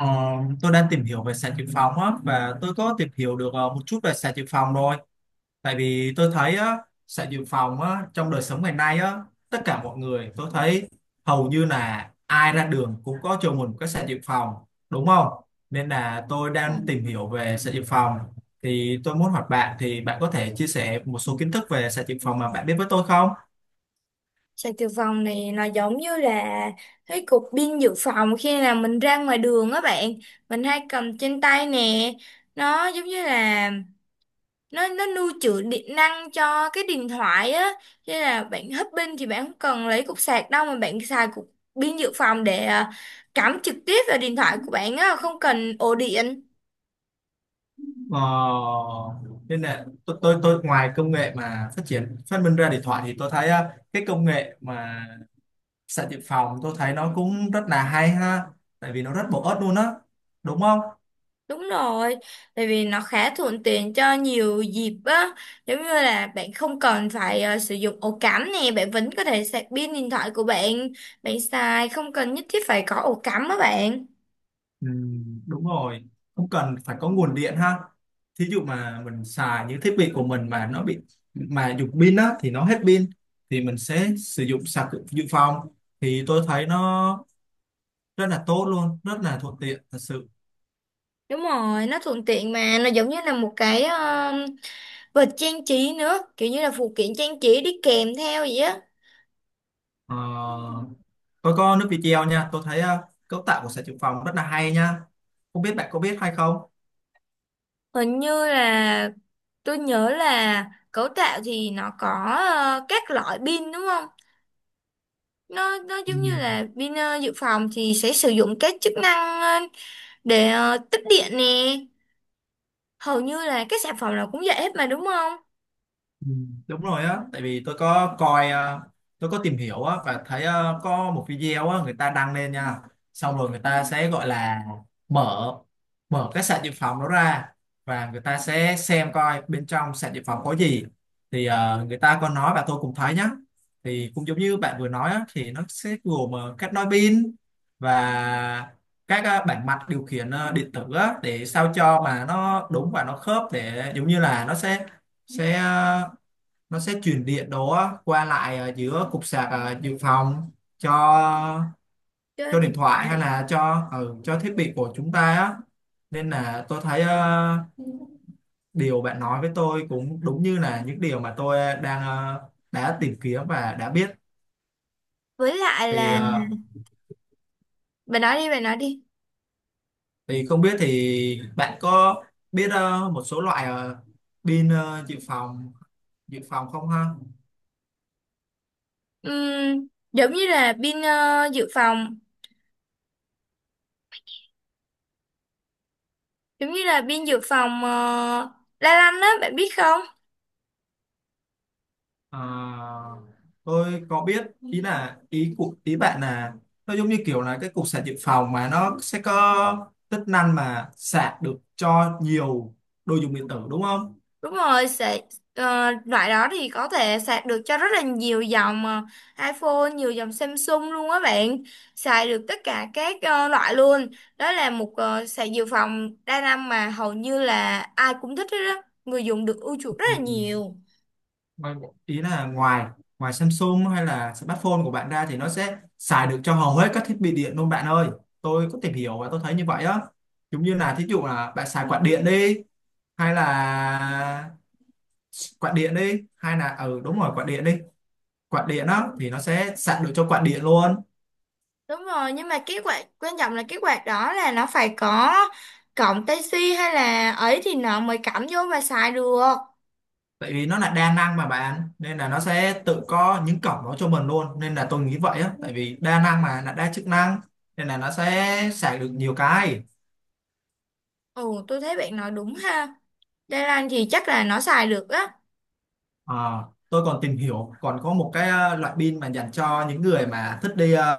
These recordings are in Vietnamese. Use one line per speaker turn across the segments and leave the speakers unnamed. Ờ, tôi đang tìm hiểu về sạc dự phòng á và tôi có tìm hiểu được một chút về sạc dự phòng rồi. Tại vì tôi thấy á, sạc dự phòng á, trong đời sống ngày nay á, tất cả mọi người tôi thấy hầu như là ai ra đường cũng có cho mình một cái sạc dự phòng, đúng không? Nên là tôi đang
Vâng.
tìm hiểu về sạc dự phòng. Thì tôi muốn hỏi bạn thì bạn có thể chia sẻ một số kiến thức về sạc dự phòng mà bạn biết với tôi không?
Sạc dự phòng này nó giống như là cái cục pin dự phòng khi nào mình ra ngoài đường á bạn, mình hay cầm trên tay nè. Nó giống như là nó lưu trữ điện năng cho cái điện thoại á. Cho nên là bạn hết pin thì bạn không cần lấy cục sạc đâu, mà bạn xài cục pin dự phòng để cắm trực tiếp vào điện thoại của bạn á, không cần ổ điện.
Ờ, nên là tôi ngoài công nghệ mà phát triển phát minh ra điện thoại thì tôi thấy á, cái công nghệ mà sạc dự phòng tôi thấy nó cũng rất là hay ha, tại vì nó rất bổ ích luôn á, đúng không?
Đúng rồi, tại vì nó khá thuận tiện cho nhiều dịp á, giống như là bạn không cần phải sử dụng ổ cắm nè, bạn vẫn có thể sạc pin điện thoại của bạn, bạn xài không cần nhất thiết phải có ổ cắm á bạn.
Ừ, đúng rồi, không cần phải có nguồn điện ha. Thí dụ mà mình xài những thiết bị của mình mà nó bị, mà dùng pin á thì nó hết pin thì mình sẽ sử dụng sạc dự dự phòng thì tôi thấy nó rất là tốt luôn, rất là thuận tiện thật sự.
Đúng rồi, nó thuận tiện mà, nó giống như là một cái vật trang trí nữa, kiểu như là phụ kiện trang trí đi kèm theo vậy á.
Ờ, tôi có nước video nha, tôi thấy cấu tạo của sạc dự phòng rất là hay nha, không biết bạn có biết hay không.
Hình như là tôi nhớ là cấu tạo thì nó có các loại pin đúng không? Nó
Ừ.
giống như là pin dự phòng thì sẽ sử dụng cái chức năng để tích điện nè. Hầu như là các sản phẩm nào cũng vậy hết mà đúng không?
Ừ, đúng rồi á, tại vì tôi có coi tôi có tìm hiểu á và thấy có một video á người ta đăng lên nha, xong rồi người ta sẽ gọi là mở mở cái sạc dự phòng đó ra, và người ta sẽ xem coi bên trong sạc dự phòng có gì. Thì người ta có nói và tôi cũng thấy nhá, thì cũng giống như bạn vừa nói á, thì nó sẽ gồm các nối pin và các bảng mạch điều khiển điện tử á, để sao cho mà nó đúng và nó khớp, để giống như là nó sẽ nó sẽ truyền điện đó qua lại giữa cục sạc dự phòng cho
Cho
cho
điện
điện thoại hay
thoại.
là cho ừ, cho thiết bị của chúng ta á. Nên là tôi thấy điều bạn nói với tôi cũng đúng như là những điều mà tôi đang đã tìm kiếm và đã biết.
Với lại
thì
là,
ờ,
bà nói đi bà nói đi.
thì không biết thì bạn có biết một số loại pin dự phòng không ha?
Ừm, giống như là pin dự phòng, giống như là pin dự phòng la lanh á bạn biết không.
À, tôi có biết. Ý của bạn là nó giống như kiểu là cái cục sạc dự phòng mà nó sẽ có tính năng mà sạc được cho nhiều đồ dùng điện tử, đúng không?
Đúng rồi, sẽ loại đó thì có thể sạc được cho rất là nhiều dòng iPhone, nhiều dòng Samsung luôn á bạn. Xài được tất cả các loại luôn. Đó là một sạc dự phòng đa năng mà hầu như là ai cũng thích hết đó. Người dùng được ưa chuộng rất là
Ừ.
nhiều.
Ngoài- Ý là ngoài ngoài Samsung hay là smartphone của bạn ra thì nó sẽ xài được cho hầu hết các thiết bị điện luôn bạn ơi. Tôi có tìm hiểu và tôi thấy như vậy á. Giống như là thí dụ là bạn xài quạt điện đi, hay là quạt điện đi hay là ừ đúng rồi quạt điện đi. Quạt điện á thì nó sẽ sạc được cho quạt điện luôn,
Đúng rồi, nhưng mà cái quạt quan trọng là cái quạt đó là nó phải có cổng Type-C hay là ấy thì nó mới cắm vô và xài được.
tại vì nó là đa năng mà bạn, nên là nó sẽ tự có những cổng đó cho mình luôn, nên là tôi nghĩ vậy á. Tại vì đa năng mà, là đa chức năng, nên là nó sẽ sạc được nhiều cái.
Ồ, tôi thấy bạn nói đúng ha. Đa năng thì chắc là nó xài được á.
Ờ, tôi còn tìm hiểu còn có một cái loại pin mà dành cho những người mà thích đi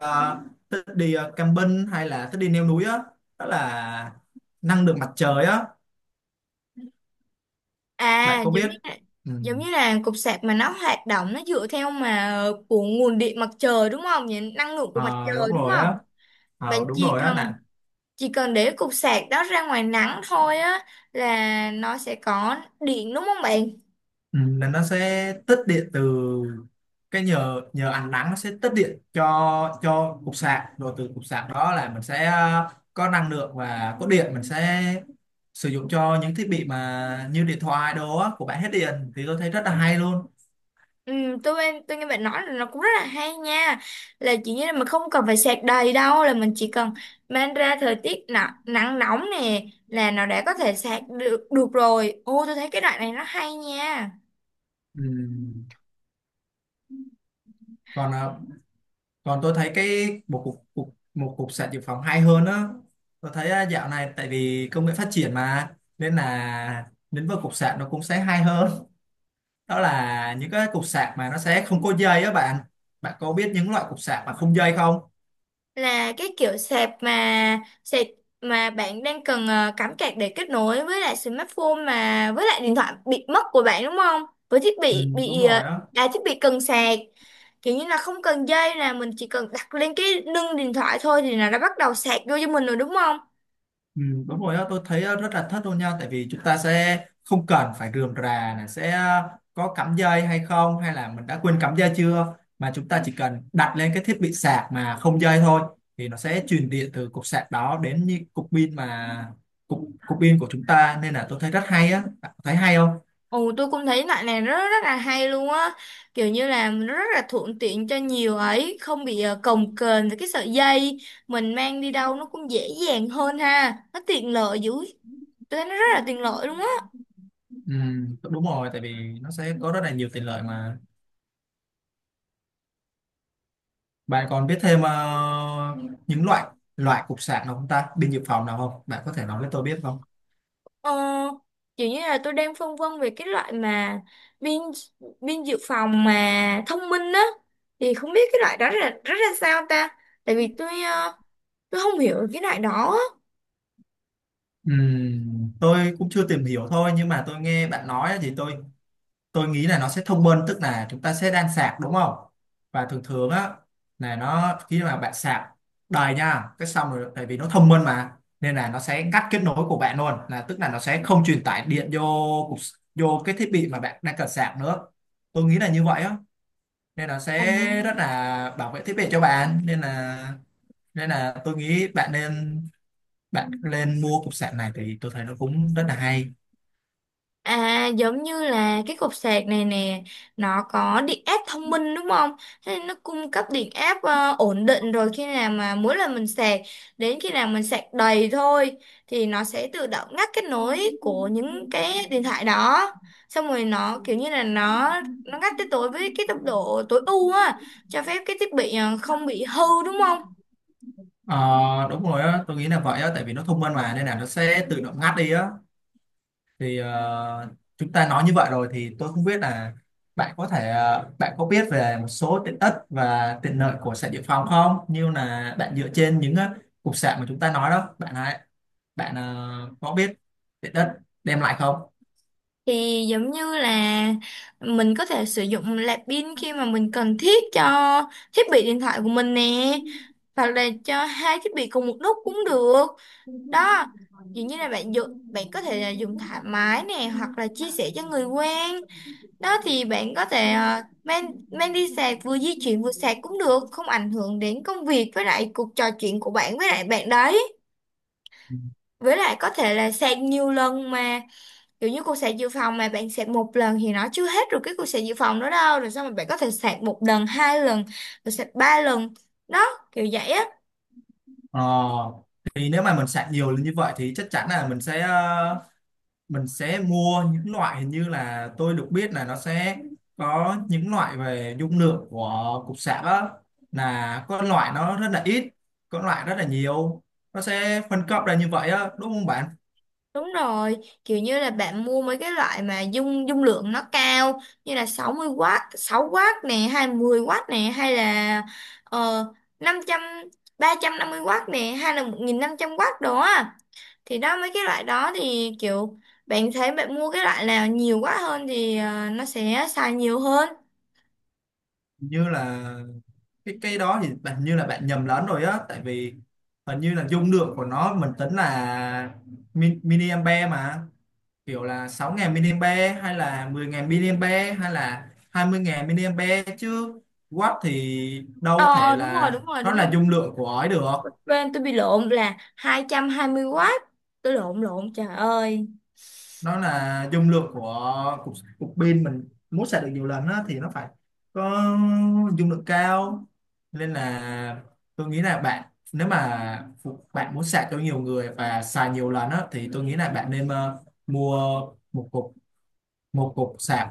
thích đi camping hay là thích đi leo núi á. Đó là năng lượng mặt trời á, bạn
À
có biết? Ừ.
giống như là cục sạc mà nó hoạt động nó dựa theo mà của nguồn điện mặt trời đúng không? Vậy năng lượng của mặt
Ờ, đúng
trời đúng
rồi
không?
á.
Bạn
Ờ, đúng
chỉ
rồi á,
cần,
là
chỉ cần để cục sạc đó ra ngoài nắng thôi á là nó sẽ có điện đúng không bạn?
ừ, là nó sẽ tích điện từ cái nhờ nhờ ánh nắng, nó sẽ tích điện cho cục sạc, rồi từ cục sạc đó là mình sẽ có năng lượng và có điện, mình sẽ sử dụng cho những thiết bị mà như điện thoại đồ á của bạn hết điện, thì tôi thấy rất là hay luôn.
Ừ, tôi nghe bạn nói là nó cũng rất là hay nha, là chỉ như là mình không cần phải sạc đầy đâu, là mình chỉ cần mang ra thời tiết nắng, nắng nóng nè là nó đã có thể sạc được được rồi. Ô tôi thấy cái đoạn này nó hay nha.
Ừ. còn ờ, còn tôi thấy cái một cục sạc dự phòng hay hơn á. Tôi thấy dạo này tại vì công nghệ phát triển mà, nên là lĩnh vực cục sạc nó cũng sẽ hay hơn. Đó là những cái cục sạc mà nó sẽ không có dây á bạn. Bạn có biết những loại cục sạc mà không dây không?
Là cái kiểu sạc, mà mà bạn đang cần cắm cạc để kết nối với lại smartphone, mà với lại điện thoại bị mất của bạn đúng không? Với thiết
Ừ, đúng
bị
rồi á.
à, thiết bị cần sạc, kiểu như là không cần dây nè, mình chỉ cần đặt lên cái nâng điện thoại thôi thì là nó bắt đầu sạc vô cho mình rồi đúng không?
Ừ, đúng rồi á, tôi thấy á, rất là thích luôn nha, tại vì chúng ta sẽ không cần phải rườm rà là sẽ có cắm dây hay không, hay là mình đã quên cắm dây chưa, mà chúng ta chỉ cần đặt lên cái thiết bị sạc mà không dây thôi, thì nó sẽ truyền điện từ cục sạc đó đến như cục cục pin của chúng ta, nên là tôi thấy rất hay á. Bạn thấy hay không?
Ồ tôi cũng thấy loại này nó rất là hay luôn á, kiểu như là nó rất là thuận tiện cho nhiều ấy, không bị cồng kềnh với cái sợi dây. Mình mang đi đâu nó cũng dễ dàng hơn ha, nó tiện lợi dữ, tôi thấy nó rất là tiện lợi luôn á.
Ừ, đúng rồi, tại vì nó sẽ có rất là nhiều tiện lợi mà. Bạn còn biết thêm những loại loại cục sạc nào không ta? Pin dự phòng nào không? Bạn có thể nói với tôi biết không?
ờ, Kiểu như là tôi đang phân vân về cái loại mà pin pin dự phòng mà thông minh á, thì không biết cái loại đó là rất là sao ta, tại vì tôi không hiểu cái loại đó.
Tôi cũng chưa tìm hiểu thôi, nhưng mà tôi nghe bạn nói thì tôi nghĩ là nó sẽ thông minh, tức là chúng ta sẽ đan sạc, đúng không? Và thường thường á là nó khi mà bạn sạc đầy nha, cái xong rồi tại vì nó thông minh mà, nên là nó sẽ ngắt kết nối của bạn luôn, là tức là nó sẽ không truyền tải điện vô cái thiết bị mà bạn đang cần sạc nữa. Tôi nghĩ là như vậy á. Nên nó sẽ rất là bảo vệ thiết bị cho bạn, nên là tôi nghĩ bạn nên mua cục sạc này, thì tôi thấy nó cũng rất là hay.
À giống như là cái cục sạc này nè, nó có điện áp thông minh đúng không? Thế nên nó cung cấp điện áp ổn định rồi. Khi nào mà mỗi lần mình sạc, đến khi nào mình sạc đầy thôi, thì nó sẽ tự động ngắt kết nối của những cái điện thoại đó. Xong rồi nó kiểu như là nó ngắt tới tối với cái tốc độ tối ưu á, cho phép cái thiết bị không bị hư đúng không?
Ờ, đúng rồi á, tôi nghĩ là vậy á, tại vì nó thông minh mà nên là nó sẽ tự động ngắt đi á. thì ờ, Chúng ta nói như vậy rồi thì tôi không biết là bạn có biết về một số tiện ích và tiện lợi của sạc dự phòng không, như là bạn dựa trên những cục sạc mà chúng ta nói đó, bạn hãy bạn ờ, có biết tiện ích đem lại không?
Thì giống như là mình có thể sử dụng nạp pin khi mà mình cần thiết cho thiết bị điện thoại của mình nè, hoặc là cho hai thiết bị cùng một lúc cũng được. Đó, dường như là bạn dùng, bạn có thể là dùng thoải mái nè, hoặc là chia sẻ cho người quen. Đó thì bạn có thể mang mang đi sạc, vừa di chuyển vừa sạc cũng được, không ảnh hưởng đến công việc với lại cuộc trò chuyện của bạn với lại bạn đấy. Với lại có thể là sạc nhiều lần mà, kiểu như cục sạc dự phòng mà bạn sạc một lần thì nó chưa hết rồi cái cục sạc dự phòng đó đâu, rồi sao mà bạn có thể sạc một lần, hai lần, rồi sạc ba lần. Đó, kiểu vậy á.
Ờ, thì nếu mà mình sạc nhiều lên như vậy thì chắc chắn là mình sẽ mua những loại, hình như là tôi được biết là nó sẽ có những loại về dung lượng của cục sạc á, là có loại nó rất là ít, có loại rất là nhiều. Nó sẽ phân cấp ra như vậy á, đúng không bạn?
Đúng rồi, kiểu như là bạn mua mấy cái loại mà dung dung lượng nó cao, như là 60W, 6W nè, hai mươi w nè, hay là ờ, năm trăm, ba trăm năm mươi w nè, hay là 1500W đồ á. Thì đó mấy cái loại đó thì kiểu bạn thấy bạn mua cái loại nào nhiều quá hơn thì nó sẽ xài nhiều hơn.
Hình như là cái đó thì bạn như là bạn nhầm lẫn rồi á, tại vì hình như là dung lượng của nó mình tính là mili mà, kiểu là 6000 mAh hay là 10000 mAh hay là 20000 mAh chứ. Watt thì đâu
Ờ
thể
đúng rồi
là
đúng rồi
nó
đúng rồi.
là dung lượng của ấy được.
Bên tôi bị lộn, là hai hai trăm hai mươi w, tôi lộn lộn, trời ơi.
Nó là dung lượng của cục pin, mình muốn sạc được nhiều lần á thì nó phải có dung lượng cao. Nên là tôi nghĩ là bạn, nếu mà bạn muốn sạc cho nhiều người và xài nhiều lần á, thì tôi nghĩ là bạn nên mua một cục một cục sạc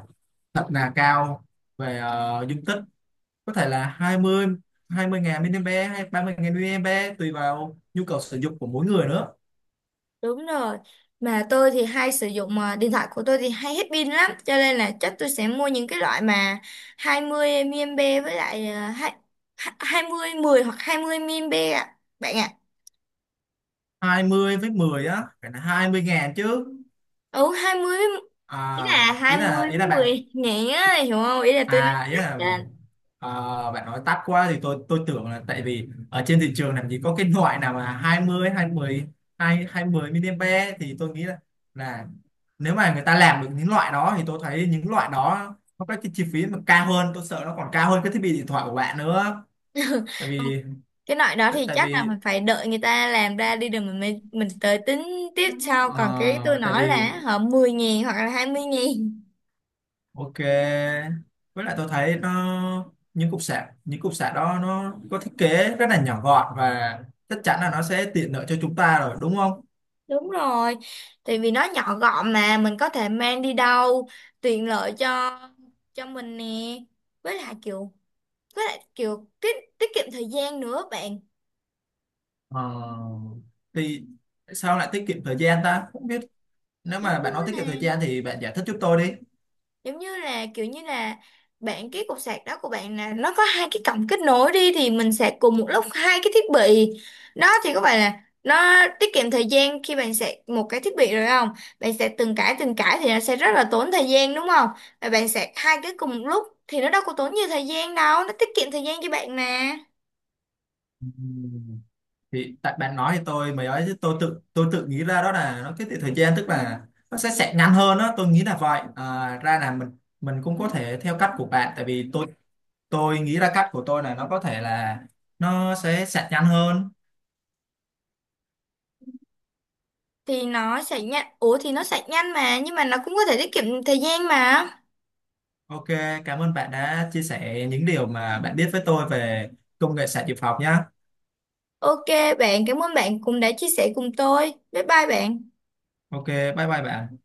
thật là cao về dung tích, có thể là 20000 mini hay 30000 mini, tùy vào nhu cầu sử dụng của mỗi người nữa.
Đúng rồi, mà tôi thì hay sử dụng điện thoại của tôi thì hay hết pin lắm, cho nên là chắc tôi sẽ mua những cái loại mà 20 mAh với lại 20 10 hoặc 20 mAh ạ bạn ạ.
Hai mươi với 10 á, phải là 20 ngàn chứ.
ừ 20 với- Ý là
À,
20
ý
với
là bạn
10 ngàn á, hiểu không, ý là tôi nói
à ý
chắc
là
á.
à, bạn nói tắt quá thì tôi tưởng là, tại vì ở trên thị trường làm gì có cái loại nào mà hai mươi be. Thì tôi nghĩ là nếu mà người ta làm được những loại đó, thì tôi thấy những loại đó nó có cái chi phí mà cao hơn, tôi sợ nó còn cao hơn cái thiết bị điện thoại của bạn nữa, tại vì
Cái loại đó
Tại
thì
tại
chắc là
vì
mình phải đợi người ta làm ra đi rồi mình mới, mình tới tính tiếp sau,
ờ,
còn cái tôi
tại
nói
vì
là họ mười nghìn hoặc là hai mươi nghìn.
ok. Với lại tôi thấy nó, những cục sạc đó nó có thiết kế rất là nhỏ gọn, và chắc chắn là nó sẽ tiện lợi cho chúng ta rồi, đúng không?
Đúng rồi, tại vì nó nhỏ gọn mà mình có thể mang đi đâu, tiện lợi cho mình nè, với lại kiểu, với lại kiểu tiết tiết kiệm thời gian nữa bạn.
Ờ, thì sao lại tiết kiệm thời gian ta? Không biết, nếu
Đúng
mà
chưa
bạn nói tiết kiệm thời
nè,
gian thì bạn giải thích giúp tôi đi.
giống như là kiểu như là, bạn cái cục sạc đó của bạn là nó có hai cái cổng kết nối đi, thì mình sạc cùng một lúc hai cái thiết bị. Đó thì có phải là nó tiết kiệm thời gian khi bạn sạc một cái thiết bị rồi không? Bạn sạc từng cái thì nó sẽ rất là tốn thời gian đúng không? Và bạn sạc hai cái cùng một lúc thì nó đâu có tốn nhiều thời gian đâu, nó tiết kiệm thời gian cho bạn mà.
Ừ. Thì tại bạn nói thì tôi mới nói, chứ tôi tự, tôi nghĩ ra đó là nó tiết kiệm thời gian, tức là nó sẽ ngắn hơn đó, tôi nghĩ là vậy. À, ra là mình cũng có thể theo cách của bạn. Tại vì tôi nghĩ ra cách của tôi là nó có thể là nó sẽ sạch nhanh hơn.
Thì nó sạc nhanh, ủa thì nó sạc nhanh mà, nhưng mà nó cũng có thể tiết kiệm thời gian mà.
Ok, cảm ơn bạn đã chia sẻ những điều mà bạn biết với tôi về công nghệ sạc dự phòng nhá.
Ok bạn, cảm ơn bạn cũng đã chia sẻ cùng tôi, bye bye bạn.
Ok, bye bye bạn.